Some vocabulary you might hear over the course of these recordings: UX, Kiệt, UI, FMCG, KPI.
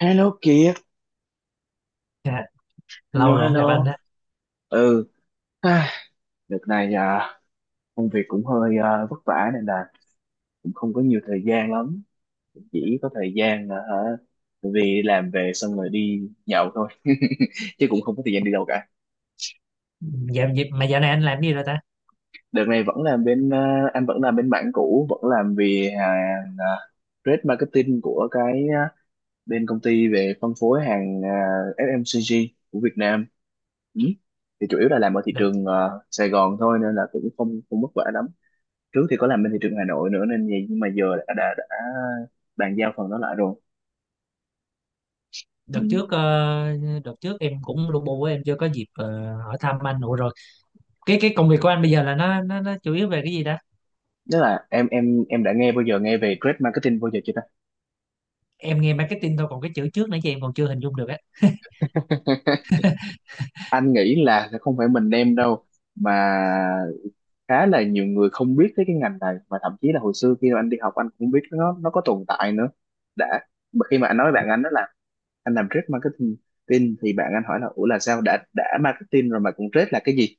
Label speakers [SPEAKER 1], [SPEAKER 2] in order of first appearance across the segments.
[SPEAKER 1] Hello Kiệt,
[SPEAKER 2] Dạ, lâu
[SPEAKER 1] hello
[SPEAKER 2] rồi không gặp anh
[SPEAKER 1] hello.
[SPEAKER 2] đó.
[SPEAKER 1] Ừ, à, đợt này công việc cũng hơi vất vả nên là cũng không có nhiều thời gian lắm. Chỉ có thời gian là hả, vì làm về xong rồi đi nhậu thôi, chứ cũng không có thời gian đi đâu cả.
[SPEAKER 2] Dạo dịp mà dạo này anh làm gì rồi ta?
[SPEAKER 1] Đợt này vẫn làm bên, anh vẫn làm bên mảng cũ, vẫn làm về hàng trade marketing của cái bên công ty về phân phối hàng FMCG của Việt Nam. Ừ. Thì chủ yếu là làm ở thị
[SPEAKER 2] Đợt
[SPEAKER 1] trường Sài Gòn thôi nên là cũng không không vất vả lắm. Trước thì có làm bên thị trường Hà Nội nữa nên vậy, nhưng mà giờ đã bàn giao phần đó lại rồi.
[SPEAKER 2] đợt
[SPEAKER 1] Ừ.
[SPEAKER 2] trước đợt trước em cũng lu bu á, em chưa có dịp hỏi thăm anh nữa rồi. Cái công việc của anh bây giờ là nó chủ yếu về cái gì ta?
[SPEAKER 1] Tức là em đã nghe bao giờ nghe về trade marketing bao giờ chưa ta?
[SPEAKER 2] Em nghe marketing thôi, còn cái chữ trước nãy giờ em còn chưa hình dung được á.
[SPEAKER 1] Anh nghĩ là sẽ không phải mình đem đâu, mà khá là nhiều người không biết tới cái ngành này, và thậm chí là hồi xưa khi mà anh đi học anh cũng biết nó có tồn tại nữa. đã mà khi mà anh nói với bạn anh đó là anh làm trade marketing tin, thì bạn anh hỏi là ủa là sao đã marketing rồi mà cũng trade là cái gì?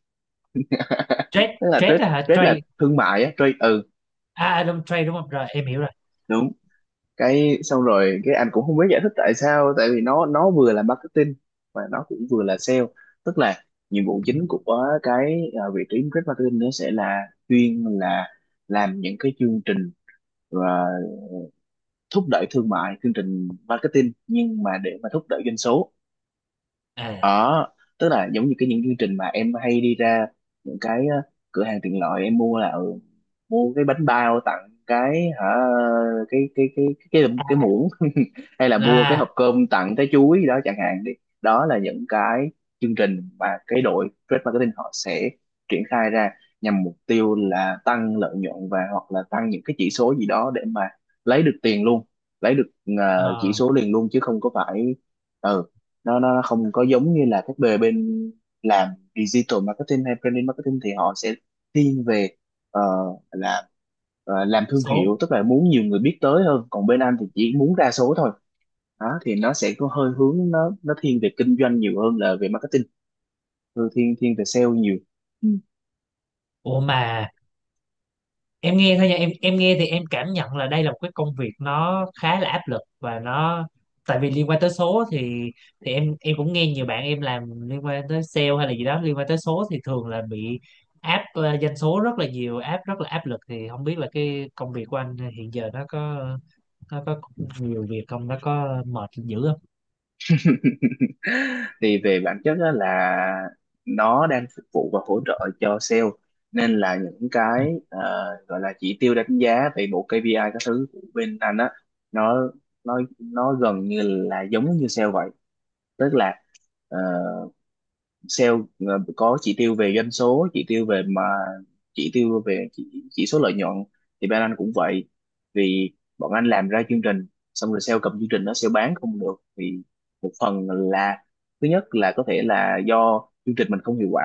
[SPEAKER 2] Trade
[SPEAKER 1] Tức là
[SPEAKER 2] trade
[SPEAKER 1] trade
[SPEAKER 2] á hả?
[SPEAKER 1] trade là
[SPEAKER 2] Trade
[SPEAKER 1] thương mại á, trade. Ừ,
[SPEAKER 2] à à, đúng trade đúng không? Rồi em hiểu rồi.
[SPEAKER 1] đúng. Cái xong rồi cái anh cũng không biết giải thích tại sao, tại vì nó vừa là marketing và nó cũng vừa là sale. Tức là nhiệm vụ chính của cái vị trí trade marketing nó sẽ là chuyên là làm những cái chương trình và thúc đẩy thương mại, chương trình marketing nhưng mà để mà thúc đẩy doanh số.
[SPEAKER 2] À
[SPEAKER 1] Đó, tức là giống như cái những chương trình mà em hay đi ra những cái cửa hàng tiện lợi em mua là mua cái bánh bao tặng cái hả cái cái cái cái muỗng. Hay là mua cái hộp
[SPEAKER 2] là
[SPEAKER 1] cơm tặng trái chuối đó chẳng hạn đi. Đó là những cái chương trình mà cái đội trade marketing họ sẽ triển khai ra nhằm mục tiêu là tăng lợi nhuận và hoặc là tăng những cái chỉ số gì đó để mà lấy được tiền luôn, lấy được chỉ
[SPEAKER 2] ờ,
[SPEAKER 1] số liền luôn chứ không có phải. Ừ, nó không có giống như là các bề bên làm digital marketing hay branding marketing thì họ sẽ thiên về ờ, làm làm thương
[SPEAKER 2] số.
[SPEAKER 1] hiệu, tức là muốn nhiều người biết tới hơn, còn bên anh thì chỉ muốn ra số thôi. Đó thì nó sẽ có hơi hướng nó thiên về kinh doanh nhiều hơn là về marketing. Ừ, thiên thiên về sale nhiều.
[SPEAKER 2] Ủa mà em nghe thôi nha, em nghe thì em cảm nhận là đây là một cái công việc nó khá là áp lực, và nó tại vì liên quan tới số thì thì em cũng nghe nhiều bạn em làm liên quan tới sale hay là gì đó liên quan tới số thì thường là bị áp doanh số rất là nhiều, áp rất là áp lực. Thì không biết là cái công việc của anh hiện giờ nó có nhiều việc không, nó có mệt dữ không?
[SPEAKER 1] Thì về bản chất á là nó đang phục vụ và hỗ trợ cho sale, nên là những cái gọi là chỉ tiêu đánh giá về bộ KPI các thứ của bên anh á, nó nó gần như là giống như sale vậy. Tức là ờ, sale có chỉ tiêu về doanh số, chỉ tiêu về mà chỉ tiêu về chỉ số lợi nhuận, thì bên anh cũng vậy. Vì bọn anh làm ra chương trình xong rồi sale cầm chương trình nó sale bán không được thì một phần là thứ nhất là có thể là do chương trình mình không hiệu quả,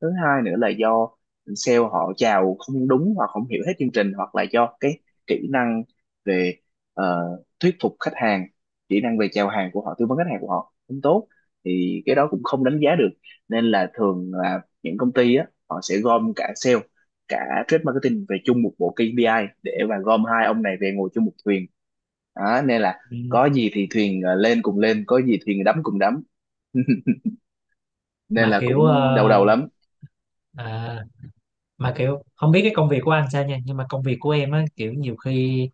[SPEAKER 1] thứ hai nữa là do sale họ chào không đúng hoặc không hiểu hết chương trình, hoặc là do cái kỹ năng về ờ, thuyết phục khách hàng, kỹ năng về chào hàng của họ, tư vấn khách hàng của họ không tốt thì cái đó cũng không đánh giá được. Nên là thường là những công ty á họ sẽ gom cả sale cả trade marketing về chung một bộ KPI để mà gom hai ông này về ngồi chung một thuyền. Đó, nên là
[SPEAKER 2] Ừ,
[SPEAKER 1] có gì thì thuyền lên cùng lên, có gì thuyền đắm cùng đắm. Nên
[SPEAKER 2] mà
[SPEAKER 1] là cũng đau đầu lắm.
[SPEAKER 2] à, kiểu không biết cái công việc của anh sao nha, nhưng mà công việc của em á, kiểu nhiều khi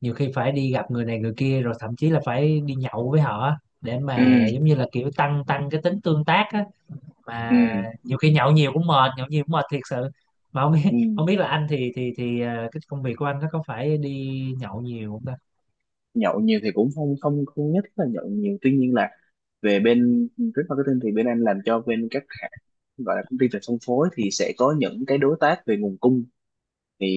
[SPEAKER 2] nhiều khi phải đi gặp người này người kia, rồi thậm chí là phải đi nhậu với họ á, để
[SPEAKER 1] Ừ,
[SPEAKER 2] mà giống như là kiểu tăng tăng cái tính tương tác á.
[SPEAKER 1] ừ,
[SPEAKER 2] Mà nhiều khi nhậu nhiều cũng mệt, nhậu nhiều cũng mệt thiệt sự. Mà không biết
[SPEAKER 1] ừ.
[SPEAKER 2] không biết là anh thì cái công việc của anh nó có phải đi nhậu nhiều không ta?
[SPEAKER 1] Nhậu nhiều thì cũng không không không nhất là nhậu nhiều, tuy nhiên là về bên trade marketing thì bên anh làm cho bên các hãng gọi là công ty về phân phối thì sẽ có những cái đối tác về nguồn cung, thì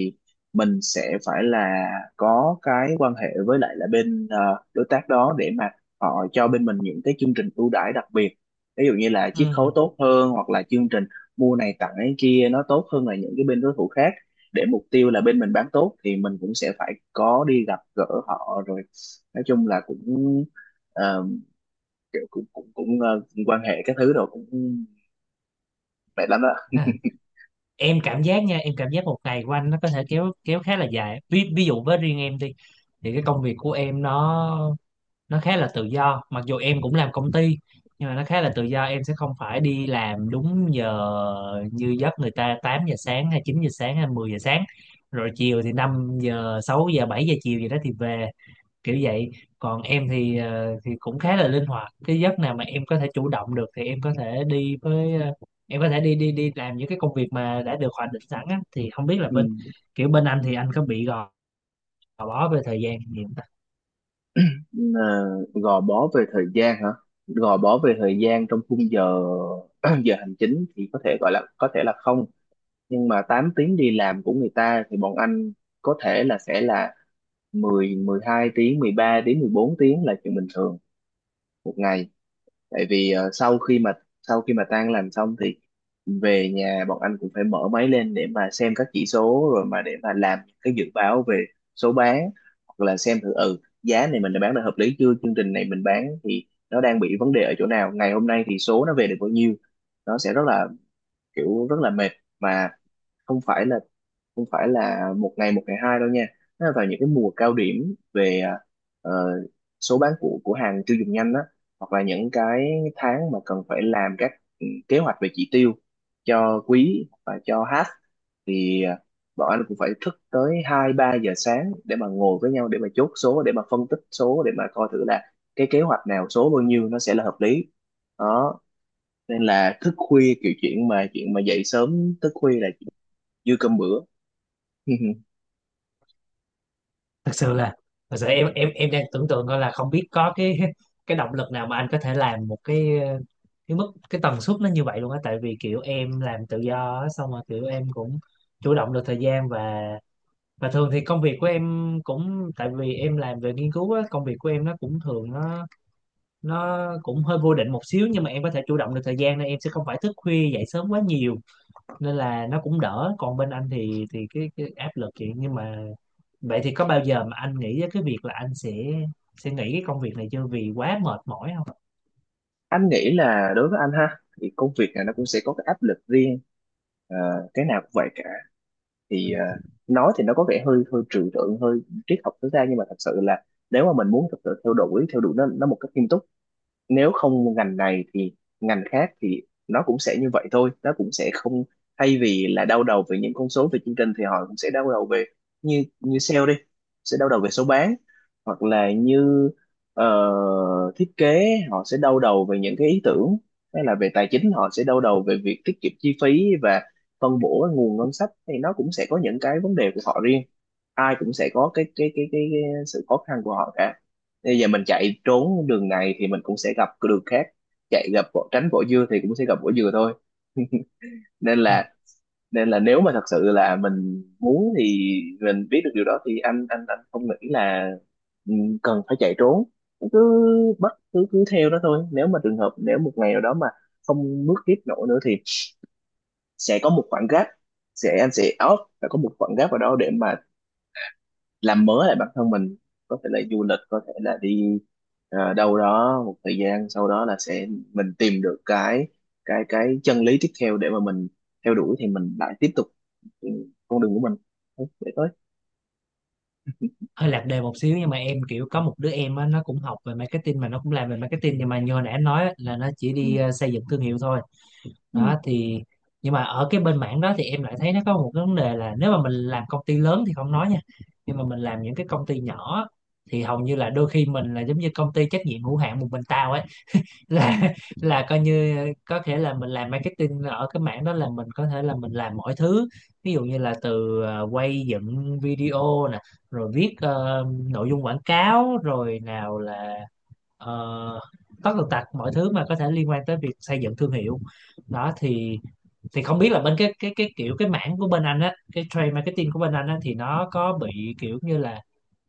[SPEAKER 1] mình sẽ phải là có cái quan hệ với lại là bên đối tác đó để mà họ cho bên mình những cái chương trình ưu đãi đặc biệt, ví dụ như là
[SPEAKER 2] Ừ,
[SPEAKER 1] chiết khấu tốt hơn hoặc là chương trình mua này tặng cái kia nó tốt hơn là những cái bên đối thủ khác, để mục tiêu là bên mình bán tốt thì mình cũng sẽ phải có đi gặp gỡ họ rồi. Nói chung là cũng ờ, kiểu cũng cũng cũng ờ, quan hệ các thứ rồi cũng mệt lắm đó.
[SPEAKER 2] à, em cảm giác nha, em cảm giác một ngày của anh nó có thể kéo kéo khá là dài. Ví ví dụ với riêng em đi, thì cái công việc của em nó khá là tự do, mặc dù em cũng làm công ty, nhưng mà nó khá là tự do. Em sẽ không phải đi làm đúng giờ như giấc người ta 8 giờ sáng, hay 9 giờ sáng, hay 10 giờ sáng, rồi chiều thì 5 giờ, 6 giờ, 7 giờ chiều gì đó thì về, kiểu vậy. Còn em thì thì cũng khá là linh hoạt, cái giấc nào mà em có thể chủ động được thì em có thể đi với em có thể đi đi đi làm những cái công việc mà đã được hoạch định sẵn á. Thì không biết là
[SPEAKER 1] Ừ.
[SPEAKER 2] bên anh thì anh có bị gò bó về thời gian gì không?
[SPEAKER 1] Ờ, gò bó về thời gian hả, gò bó về thời gian trong khung giờ giờ hành chính thì có thể gọi là có thể là không, nhưng mà 8 tiếng đi làm của người ta thì bọn anh có thể là sẽ là mười mười hai tiếng 13 đến bốn tiếng là chuyện bình thường một ngày. Tại vì sau khi mà tan làm xong thì về nhà bọn anh cũng phải mở máy lên để mà xem các chỉ số, rồi mà để mà làm những cái dự báo về số bán, hoặc là xem thử ừ giá này mình đã bán được hợp lý chưa, chương trình này mình bán thì nó đang bị vấn đề ở chỗ nào, ngày hôm nay thì số nó về được bao nhiêu. Nó sẽ rất là kiểu rất là mệt. Mà không phải là không phải là một ngày hai đâu nha, nó là vào những cái mùa cao điểm về ờ, số bán của hàng tiêu dùng nhanh á, hoặc là những cái tháng mà cần phải làm các kế hoạch về chỉ tiêu cho quý và cho half, thì bọn anh cũng phải thức tới hai ba giờ sáng để mà ngồi với nhau để mà chốt số, để mà phân tích số, để mà coi thử là cái kế hoạch nào số bao nhiêu nó sẽ là hợp lý. Đó, nên là thức khuya kiểu chuyện mà dậy sớm thức khuya là dư cơm bữa.
[SPEAKER 2] Thật sự là thật sự em đang tưởng tượng coi là không biết có cái cái động lực nào mà anh có thể làm một cái cái mức cái tần suất nó như vậy luôn á. Tại vì kiểu em làm tự do á, xong rồi kiểu em cũng chủ động được thời gian, và thường thì công việc của em cũng tại vì em làm về nghiên cứu á, công việc của em nó cũng hơi vô định một xíu, nhưng mà em có thể chủ động được thời gian nên em sẽ không phải thức khuya dậy sớm quá nhiều, nên là nó cũng đỡ. Còn bên anh thì cái áp lực vậy, nhưng mà vậy thì có bao giờ mà anh nghĩ đến cái việc là anh sẽ nghỉ cái công việc này chưa, vì quá mệt mỏi không?
[SPEAKER 1] Anh nghĩ là đối với anh ha thì công việc này nó cũng sẽ có cái áp lực riêng. Ờ, cái nào cũng vậy cả. Thì nói thì nó có vẻ hơi hơi trừu tượng hơi triết học tối đa, nhưng mà thật sự là nếu mà mình muốn thật sự theo đuổi nó một cách nghiêm túc, nếu không ngành này thì ngành khác thì nó cũng sẽ như vậy thôi, nó cũng sẽ không thay vì là đau đầu về những con số về chương trình thì họ cũng sẽ đau đầu về như như sale đi sẽ đau đầu về số bán, hoặc là như ờ, thiết kế họ sẽ đau đầu về những cái ý tưởng, hay là về tài chính họ sẽ đau đầu về việc tiết kiệm chi phí và phân bổ cái nguồn ngân sách, thì nó cũng sẽ có những cái vấn đề của họ riêng. Ai cũng sẽ có cái sự khó khăn của họ cả. Bây giờ mình chạy trốn đường này thì mình cũng sẽ gặp cái đường khác, chạy gặp vỏ, tránh vỏ dưa thì cũng sẽ gặp vỏ dừa thôi. nên
[SPEAKER 2] Ừ,
[SPEAKER 1] là Nên là nếu mà thật sự là mình muốn thì mình biết được điều đó thì anh không nghĩ là ừ, cần phải chạy trốn, cứ cứ cứ theo nó thôi. Nếu một ngày nào đó mà không bước tiếp nổi nữa thì sẽ có một khoảng gap, anh sẽ off và có một khoảng gap ở đó để mà làm mới lại bản thân mình, có thể là du lịch, có thể là đi đâu đó một thời gian, sau đó là sẽ mình tìm được cái chân lý tiếp theo để mà mình theo đuổi thì mình lại tiếp tục ừ, con đường của mình để tới.
[SPEAKER 2] hơi lạc đề một xíu, nhưng mà em kiểu có một đứa em á, nó cũng học về marketing mà nó cũng làm về marketing, nhưng mà như nãy em nói á, là nó chỉ
[SPEAKER 1] Ừ.
[SPEAKER 2] đi xây dựng thương hiệu thôi
[SPEAKER 1] Ừ.
[SPEAKER 2] đó. Thì nhưng mà ở cái bên mảng đó thì em lại thấy nó có một cái vấn đề là nếu mà mình làm công ty lớn thì không nói nha, nhưng mà mình làm những cái công ty nhỏ thì hầu như là đôi khi mình là giống như công ty trách nhiệm hữu hạn một mình tao á,
[SPEAKER 1] Ừ.
[SPEAKER 2] là là coi như có thể là mình làm marketing ở cái mảng đó là mình có thể là mình làm mọi thứ. Ví dụ như là từ quay dựng video nè, rồi viết nội dung quảng cáo, rồi nào là uh, tất tần tật mọi thứ mà có thể liên quan tới việc xây dựng thương hiệu đó. Thì không biết là bên cái mảng của bên anh á, cái trade marketing của bên anh á, thì nó có bị kiểu như là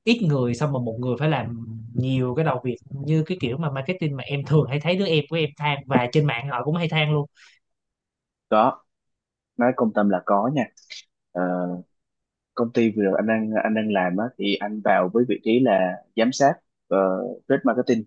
[SPEAKER 2] ít người, xong mà một người phải làm nhiều cái đầu việc như cái kiểu mà marketing mà em thường hay thấy đứa em của em than, và trên mạng họ cũng hay than luôn.
[SPEAKER 1] Có, nói công tâm là có nha. Ờ, công ty vừa rồi anh đang làm á, thì anh vào với vị trí là giám sát trade marketing,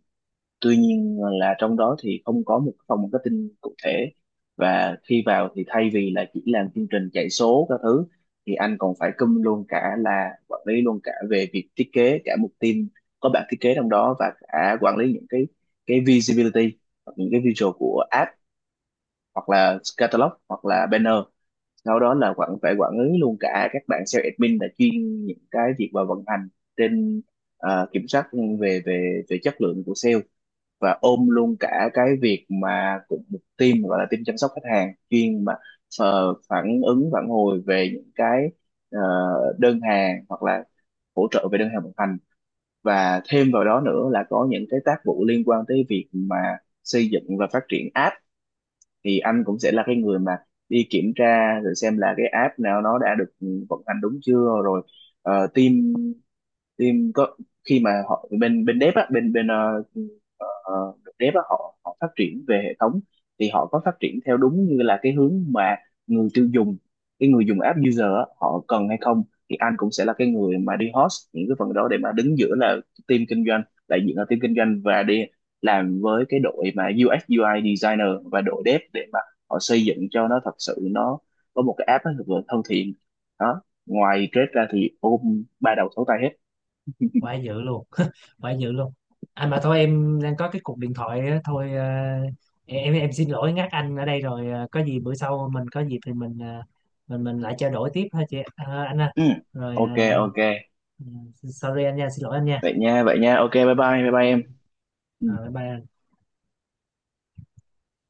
[SPEAKER 1] tuy nhiên là trong đó thì không có một phòng marketing cụ thể, và khi vào thì thay vì là chỉ làm chương trình chạy số các thứ thì anh còn phải cùm luôn cả là quản lý luôn cả về việc thiết kế cả một team có bạn thiết kế trong đó, và cả quản lý những cái visibility hoặc những cái visual của app, hoặc là catalog hoặc là banner. Sau đó là phải quản lý luôn cả các bạn sales admin là chuyên những cái việc và vận hành trên kiểm soát về về về chất lượng của sale, và ôm luôn cả cái việc mà cũng một team gọi là team chăm sóc khách hàng chuyên mà phản ứng phản hồi về những cái ờ, đơn hàng hoặc là hỗ trợ về đơn hàng vận hành. Và thêm vào đó nữa là có những cái tác vụ liên quan tới việc mà xây dựng và phát triển app, thì anh cũng sẽ là cái người mà đi kiểm tra rồi xem là cái app nào nó đã được vận hành đúng chưa. Rồi team team có khi mà họ bên bên dev á bên bên ờ, dev á, họ họ phát triển về hệ thống thì họ có phát triển theo đúng như là cái hướng mà người tiêu dùng cái người dùng app user á, họ cần hay không, thì anh cũng sẽ là cái người mà đi host những cái phần đó để mà đứng giữa là team kinh doanh đại diện là team kinh doanh, và đi làm với cái đội mà UX UI designer và đội dev để mà họ xây dựng cho nó thật sự nó có một cái app nó thật sự thân thiện. Đó, ngoài trade ra thì ôm ba đầu sáu tay hết.
[SPEAKER 2] Quá dữ luôn. Quá dữ luôn. Anh mà thôi em đang có cái cuộc điện thoại á, thôi em xin lỗi ngắt anh ở đây rồi. Ờ, có gì bữa sau mình có dịp thì mình mình lại trao đổi tiếp ha chị, anh ha.
[SPEAKER 1] Ừ.
[SPEAKER 2] Rồi
[SPEAKER 1] OK, OK.
[SPEAKER 2] ừ, sorry anh nha, xin lỗi anh nha.
[SPEAKER 1] Vậy nha, vậy nha, OK, bye bye bye bye em. Ừ.
[SPEAKER 2] Ờ, bye bye.